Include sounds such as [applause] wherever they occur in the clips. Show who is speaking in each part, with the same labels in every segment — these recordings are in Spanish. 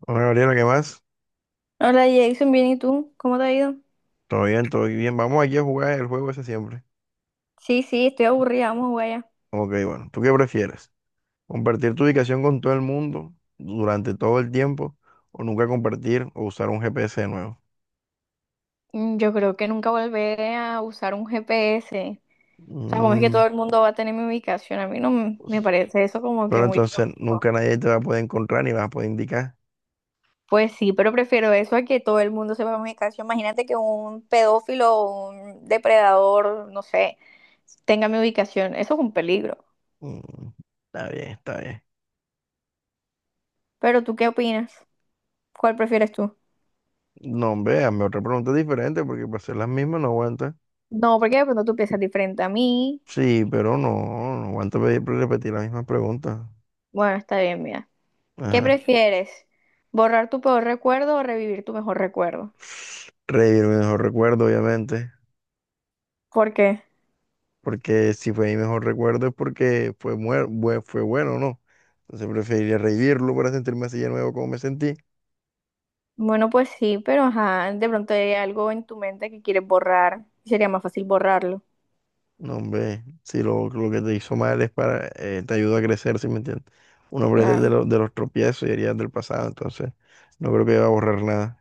Speaker 1: Hola Gabriela, ¿qué más?
Speaker 2: Hola Jason, bien, ¿y tú? ¿Cómo te ha ido?
Speaker 1: Todo bien, todo bien. Vamos aquí a jugar el juego ese siempre.
Speaker 2: Sí, sí, estoy aburrida, vamos a jugar ya.
Speaker 1: Ok, bueno, ¿tú qué prefieres? ¿Compartir tu ubicación con todo el mundo durante todo el tiempo o nunca compartir o usar un GPS de nuevo?
Speaker 2: Yo creo que nunca volveré a usar un GPS. O sea, como es que
Speaker 1: Mm,
Speaker 2: todo el mundo va a tener mi ubicación, a mí no me
Speaker 1: pues,
Speaker 2: parece eso como que
Speaker 1: pero
Speaker 2: muy
Speaker 1: entonces
Speaker 2: tóxico.
Speaker 1: nunca nadie te va a poder encontrar ni vas a poder indicar.
Speaker 2: Pues sí, pero prefiero eso a que todo el mundo sepa mi ubicación. Imagínate que un pedófilo o un depredador, no sé, tenga mi ubicación. Eso es un peligro.
Speaker 1: Mm, está bien, está bien.
Speaker 2: Pero ¿tú qué opinas? ¿Cuál prefieres tú?
Speaker 1: No, hombre, hazme otra pregunta diferente porque para hacer las mismas no aguanta.
Speaker 2: No, porque de pronto tú piensas diferente a mí.
Speaker 1: Sí, pero no, no aguanta repetir las mismas preguntas.
Speaker 2: Bueno, está bien, mira. ¿Qué
Speaker 1: Ajá.
Speaker 2: prefieres? ¿Borrar tu peor recuerdo o revivir tu mejor recuerdo?
Speaker 1: Revivir mi mejor recuerdo, obviamente.
Speaker 2: ¿Por qué?
Speaker 1: Porque si fue mi mejor recuerdo es porque fue, fue bueno, ¿no? Entonces preferiría revivirlo para sentirme así de nuevo como me sentí.
Speaker 2: Bueno, pues sí, pero ajá, de pronto hay algo en tu mente que quieres borrar. Sería más fácil borrarlo.
Speaker 1: No, hombre, si lo, lo que te hizo mal es para, te ayuda a crecer, ¿sí me entiendes? Uno aprende de,
Speaker 2: Claro.
Speaker 1: lo- de los tropiezos y heridas del pasado, entonces no creo que va a borrar nada.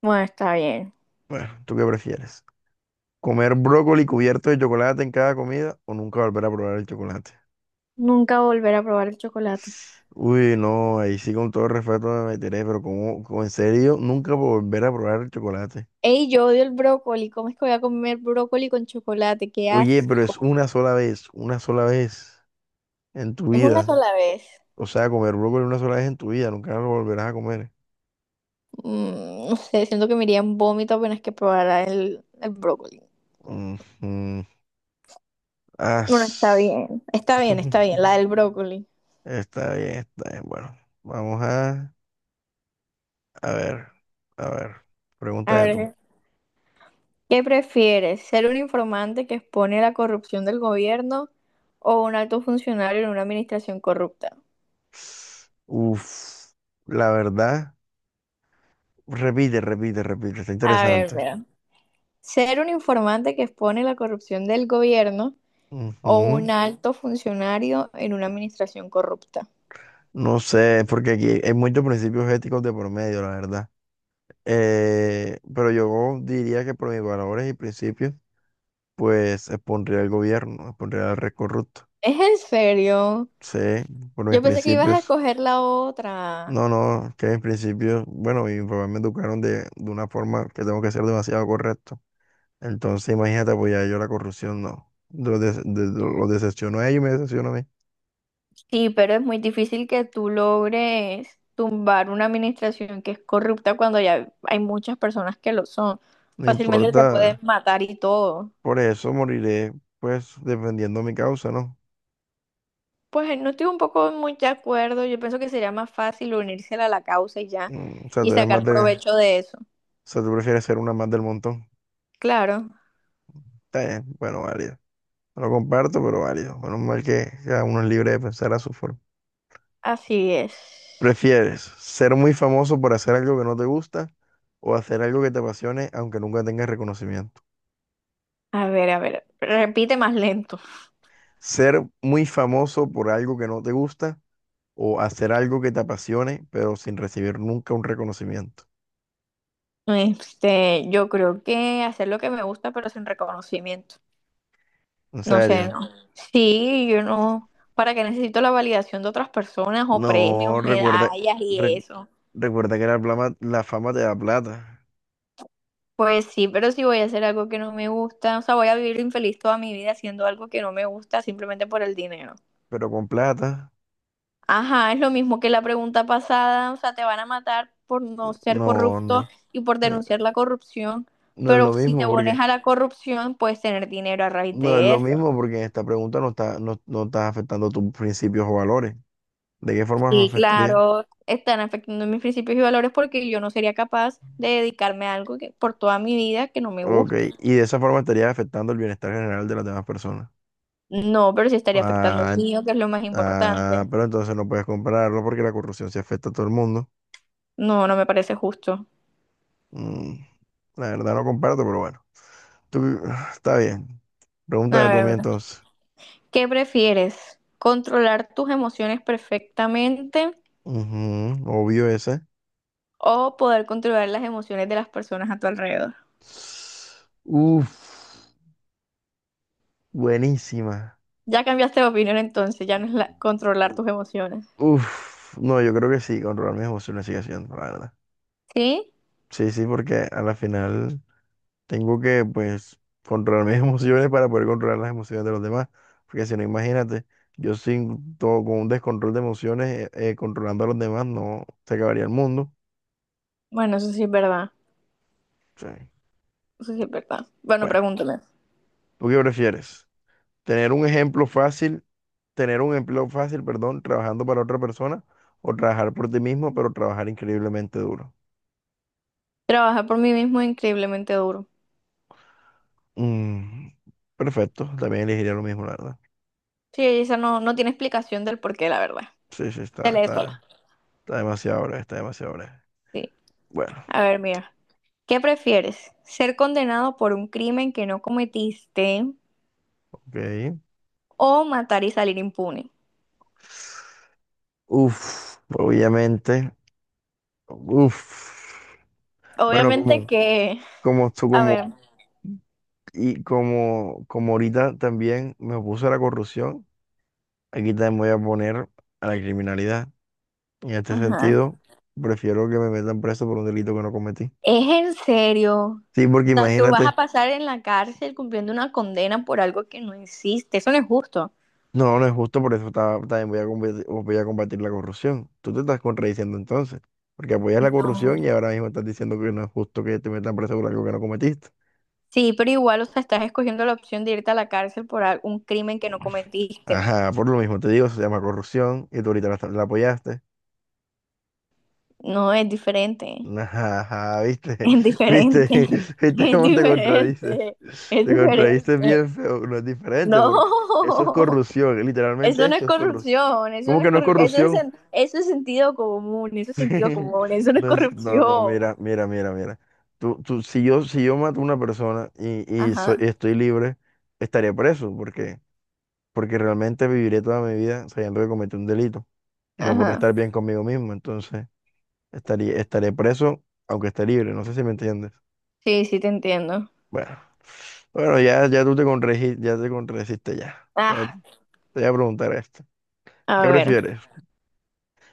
Speaker 2: Bueno, está bien.
Speaker 1: Bueno, ¿tú qué prefieres? ¿Comer brócoli cubierto de chocolate en cada comida o nunca volver a probar el chocolate?
Speaker 2: Nunca volver a probar el chocolate.
Speaker 1: Uy, no, ahí sí con todo respeto me meteré, pero como, en serio, nunca volver a probar el chocolate.
Speaker 2: Ey, yo odio el brócoli. ¿Cómo es que voy a comer brócoli con chocolate? ¡Qué
Speaker 1: Oye, pero es
Speaker 2: asco!
Speaker 1: una sola vez en tu
Speaker 2: Es una
Speaker 1: vida.
Speaker 2: sola vez.
Speaker 1: O sea, comer brócoli una sola vez en tu vida, nunca lo volverás a comer.
Speaker 2: Mm, no sé, siento que me iría en vómito apenas que probara el brócoli.
Speaker 1: Ujú.
Speaker 2: Bueno, está
Speaker 1: As-
Speaker 2: bien. Está bien,
Speaker 1: [laughs]
Speaker 2: está bien, la del brócoli.
Speaker 1: Está bien, está bien. Bueno, a ver, a ver,
Speaker 2: A
Speaker 1: pregúntame tú.
Speaker 2: ver. ¿Qué prefieres? ¿Ser un informante que expone la corrupción del gobierno o un alto funcionario en una administración corrupta?
Speaker 1: Uf, la verdad, repite, repite, repite, está
Speaker 2: A
Speaker 1: interesante.
Speaker 2: ver, mira. ¿Ser un informante que expone la corrupción del gobierno o un
Speaker 1: Ujú.
Speaker 2: alto funcionario en una administración corrupta?
Speaker 1: No sé, porque aquí hay muchos principios éticos de por medio, la verdad. Pero yo diría que por mis valores y principios, pues expondría al gobierno, expondría al rey corrupto.
Speaker 2: ¿Es en serio?
Speaker 1: Sí, por mis
Speaker 2: Yo pensé que ibas a
Speaker 1: principios.
Speaker 2: escoger la otra.
Speaker 1: No, no, que mis principios, bueno, mis papás me educaron de una forma que tengo que ser demasiado correcto. Entonces, imagínate apoyar yo la corrupción, no. Lo decepciono a ellos y me decepciono a mí.
Speaker 2: Sí, pero es muy difícil que tú logres tumbar una administración que es corrupta cuando ya hay muchas personas que lo son.
Speaker 1: No
Speaker 2: Fácilmente te pueden
Speaker 1: importa,
Speaker 2: matar y todo.
Speaker 1: por eso moriré, pues, defendiendo mi causa, ¿no?
Speaker 2: Pues no estoy un poco muy de acuerdo. Yo pienso que sería más fácil unirse a la causa y ya,
Speaker 1: O sea,
Speaker 2: y
Speaker 1: tú eres más
Speaker 2: sacar
Speaker 1: o
Speaker 2: provecho de eso.
Speaker 1: sea, tú prefieres ser una más del montón.
Speaker 2: Claro,
Speaker 1: Está bien, bueno, válido. No lo comparto, pero válido. Menos mal que cada uno es libre de pensar a su forma.
Speaker 2: así es.
Speaker 1: ¿Prefieres ser muy famoso por hacer algo que no te gusta o hacer algo que te apasione aunque nunca tengas reconocimiento?
Speaker 2: A ver, repite más lento.
Speaker 1: ¿Ser muy famoso por algo que no te gusta o hacer algo que te apasione pero sin recibir nunca un reconocimiento?
Speaker 2: Este, yo creo que hacer lo que me gusta, pero sin reconocimiento.
Speaker 1: En
Speaker 2: No sé,
Speaker 1: serio.
Speaker 2: no. Sí, yo no. ¿Para qué necesito la validación de otras personas o premios,
Speaker 1: No, recuerda,
Speaker 2: medallas y
Speaker 1: recu-
Speaker 2: eso?
Speaker 1: recuerda que la fama te da plata,
Speaker 2: Pues sí, pero si voy a hacer algo que no me gusta, o sea, voy a vivir infeliz toda mi vida haciendo algo que no me gusta simplemente por el dinero.
Speaker 1: pero con plata
Speaker 2: Ajá, es lo mismo que la pregunta pasada, o sea, te van a matar por no ser
Speaker 1: no,
Speaker 2: corrupto
Speaker 1: no,
Speaker 2: y por
Speaker 1: no
Speaker 2: denunciar la corrupción,
Speaker 1: no es
Speaker 2: pero
Speaker 1: lo
Speaker 2: si
Speaker 1: mismo.
Speaker 2: te pones a la corrupción, puedes tener dinero a raíz
Speaker 1: No es
Speaker 2: de
Speaker 1: lo
Speaker 2: eso.
Speaker 1: mismo porque en esta pregunta no estás afectando tus principios o valores. ¿De qué forma los
Speaker 2: Y
Speaker 1: afectaría?
Speaker 2: claro, están afectando mis principios y valores porque yo no sería capaz de dedicarme a algo que, por toda mi vida que no me
Speaker 1: Ok,
Speaker 2: guste.
Speaker 1: y de esa forma estarías afectando el bienestar general de las demás personas.
Speaker 2: No, pero sí estaría afectando el
Speaker 1: Ah,
Speaker 2: mío, que es lo más
Speaker 1: ah,
Speaker 2: importante.
Speaker 1: pero entonces no puedes compararlo porque la corrupción se afecta a todo el mundo.
Speaker 2: No, no me parece justo.
Speaker 1: Mm, la verdad no comparto, pero bueno. Tú, [sighs] está bien.
Speaker 2: A
Speaker 1: Pregúntame tú a mí
Speaker 2: ver,
Speaker 1: entonces.
Speaker 2: ¿qué prefieres? ¿Controlar tus emociones perfectamente
Speaker 1: Ujú, obvio ese.
Speaker 2: o poder controlar las emociones de las personas a tu alrededor?
Speaker 1: Uf, buenísima.
Speaker 2: Ya cambiaste de opinión entonces, ya no es controlar tus emociones.
Speaker 1: Uf, no, yo creo que sí, controlar mis emociones sigue siendo, la verdad.
Speaker 2: ¿Sí?
Speaker 1: Sí, sí, porque a la final tengo que, pues, controlar mis [laughs] emociones para poder controlar las emociones de los demás. Porque si no, imagínate, yo sin todo, con un descontrol de emociones, controlando a los demás, no se acabaría el mundo.
Speaker 2: Bueno, eso sí es verdad.
Speaker 1: Sí.
Speaker 2: Eso sí es verdad. Bueno,
Speaker 1: Bueno,
Speaker 2: pregúntame.
Speaker 1: ¿tú qué prefieres? ¿Tener un empleo fácil, perdón, trabajando para otra persona o trabajar por ti mismo, pero trabajar increíblemente duro?
Speaker 2: Trabajar por mí mismo es increíblemente duro.
Speaker 1: Mm, perfecto, también elegiría lo mismo, la verdad.
Speaker 2: Sí, esa no, no tiene explicación del por qué, la verdad.
Speaker 1: Sí, sí,
Speaker 2: Se lee sola.
Speaker 1: está demasiado breve, está demasiado breve.
Speaker 2: Sí.
Speaker 1: Bueno,
Speaker 2: A ver, mira. ¿Qué prefieres? ¿Ser condenado por un crimen que no cometiste
Speaker 1: ok.
Speaker 2: o matar y salir impune?
Speaker 1: Uf, obviamente. Uf. Bueno,
Speaker 2: Obviamente
Speaker 1: como,
Speaker 2: que...
Speaker 1: como tú,
Speaker 2: A ver.
Speaker 1: como, y como, como ahorita también me opuse a la corrupción, aquí también voy a poner a la criminalidad. En este
Speaker 2: Ajá.
Speaker 1: sentido, prefiero que me metan preso por un delito que no cometí.
Speaker 2: ¿Es en serio?
Speaker 1: Sí, porque
Speaker 2: O sea, tú vas a
Speaker 1: imagínate.
Speaker 2: pasar en la cárcel cumpliendo una condena por algo que no existe. Eso no es justo.
Speaker 1: No, no es justo, por eso también voy a combatir la corrupción. Tú te estás contradiciendo entonces, porque apoyas la corrupción y
Speaker 2: No.
Speaker 1: ahora mismo estás diciendo que no es justo que te metan preso por algo que no cometiste.
Speaker 2: Sí, pero igual, o sea, estás escogiendo la opción de irte a la cárcel por un crimen que no cometiste.
Speaker 1: Ajá, por lo mismo te digo, se llama corrupción y tú ahorita la apoyaste.
Speaker 2: No, es diferente.
Speaker 1: [laughs] Ajá, ajá, viste,
Speaker 2: Es
Speaker 1: [laughs] viste,
Speaker 2: diferente. [laughs]
Speaker 1: [laughs] viste
Speaker 2: Es
Speaker 1: cómo te contradices.
Speaker 2: diferente. Es
Speaker 1: Te contradices
Speaker 2: diferente.
Speaker 1: bien feo, no es diferente porque eso es
Speaker 2: No.
Speaker 1: corrupción,
Speaker 2: [laughs]
Speaker 1: literalmente
Speaker 2: Eso no es
Speaker 1: eso es corrupción.
Speaker 2: corrupción. Eso
Speaker 1: ¿Cómo
Speaker 2: no es
Speaker 1: que no es
Speaker 2: corru- Eso es,
Speaker 1: corrupción?
Speaker 2: eso es sentido común. Eso
Speaker 1: [laughs]
Speaker 2: es
Speaker 1: Sí,
Speaker 2: sentido común. Eso no es
Speaker 1: no, no, no,
Speaker 2: corrupción.
Speaker 1: mira, mira, mira, mira. Tú, si yo mato a una persona y
Speaker 2: Ajá.
Speaker 1: estoy libre, estaría preso, porque, porque realmente viviré toda mi vida sabiendo que cometí un delito y no por
Speaker 2: Ajá.
Speaker 1: estar bien conmigo mismo. Entonces, estaré preso aunque esté libre. No sé si me entiendes.
Speaker 2: Sí, sí, te entiendo.
Speaker 1: Bueno, bueno, ya, ya te contradijiste ya. Te
Speaker 2: Ah,
Speaker 1: voy a preguntar esto.
Speaker 2: a
Speaker 1: ¿Qué
Speaker 2: ver.
Speaker 1: prefieres?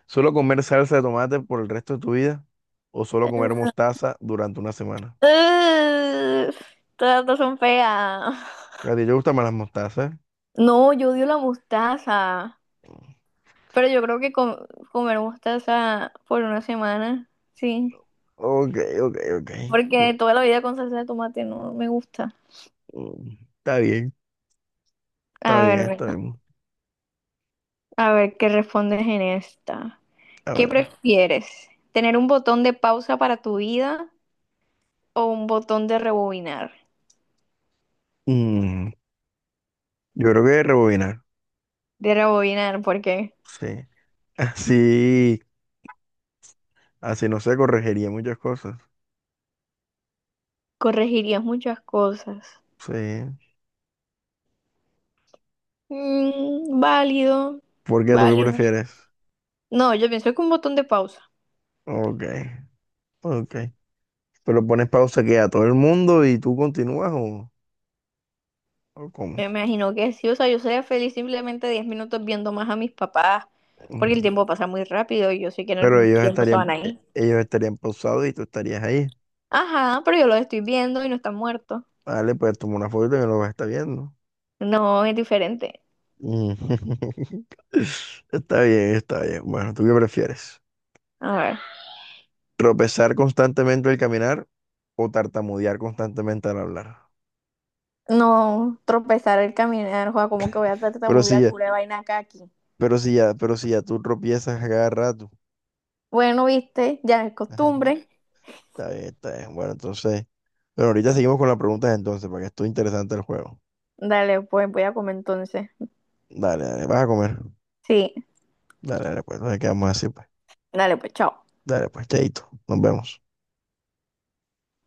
Speaker 1: ¿Solo comer salsa de tomate por el resto de tu vida o solo comer mostaza durante una semana?
Speaker 2: Ugh, todas dos son feas.
Speaker 1: A ti te gustan más las mostazas.
Speaker 2: No, yo odio la mostaza. Pero yo creo que comer mostaza por una semana, sí.
Speaker 1: Ok, ok, ok. No,
Speaker 2: Porque toda la vida con salsa de tomate no me gusta.
Speaker 1: mm, está bien, está
Speaker 2: A
Speaker 1: bien,
Speaker 2: ver,
Speaker 1: está
Speaker 2: venga.
Speaker 1: bien.
Speaker 2: A ver qué respondes en esta.
Speaker 1: A
Speaker 2: ¿Qué
Speaker 1: ver.
Speaker 2: prefieres? ¿Tener un botón de pausa para tu vida o un botón de rebobinar?
Speaker 1: Mm, yo creo que rebobinar.
Speaker 2: De rebobinar, porque
Speaker 1: Sí. [laughs] Así, así no se corregiría muchas cosas.
Speaker 2: corregirías muchas cosas.
Speaker 1: Sí.
Speaker 2: Mm, válido,
Speaker 1: ¿Por qué tú qué
Speaker 2: válido.
Speaker 1: prefieres?
Speaker 2: No, yo pienso que un botón de pausa.
Speaker 1: Ok, ok. Pero pones pausa que a todo el mundo y tú continúas o cómo.
Speaker 2: Me imagino que sí, o sea, yo sería feliz simplemente 10 minutos viendo más a mis papás, porque el
Speaker 1: Mm.
Speaker 2: tiempo pasa muy rápido y yo sé que en
Speaker 1: Pero
Speaker 2: algún
Speaker 1: ellos
Speaker 2: tiempo se
Speaker 1: estarían,
Speaker 2: van a ir.
Speaker 1: ellos estarían pausados y tú estarías ahí.
Speaker 2: Ajá, pero yo los estoy viendo y no están muertos.
Speaker 1: Vale, pues toma una foto y me lo vas a estar viendo.
Speaker 2: No, es diferente.
Speaker 1: Mm. [laughs] Está bien, está bien. Bueno, ¿tú qué prefieres?
Speaker 2: A ver.
Speaker 1: ¿Tropezar constantemente al caminar o tartamudear constantemente al hablar?
Speaker 2: No, tropezar el caminar, joda, como que voy a
Speaker 1: Pero si
Speaker 2: tartamudear
Speaker 1: ya,
Speaker 2: pura vaina acá aquí.
Speaker 1: pero si ya, pero si ya tú tropiezas a cada rato.
Speaker 2: Bueno, viste, ya es
Speaker 1: [laughs] Ajá,
Speaker 2: costumbre.
Speaker 1: está bien, está bien. Bueno, entonces, bueno, ahorita seguimos con las preguntas entonces, para que esto interesante el juego.
Speaker 2: Dale, pues voy a comer entonces.
Speaker 1: Dale, dale, vas a comer.
Speaker 2: Sí,
Speaker 1: Dale, dale, pues, nos quedamos así, pues.
Speaker 2: dale, pues chao.
Speaker 1: Dale, pues, chaito, nos vemos.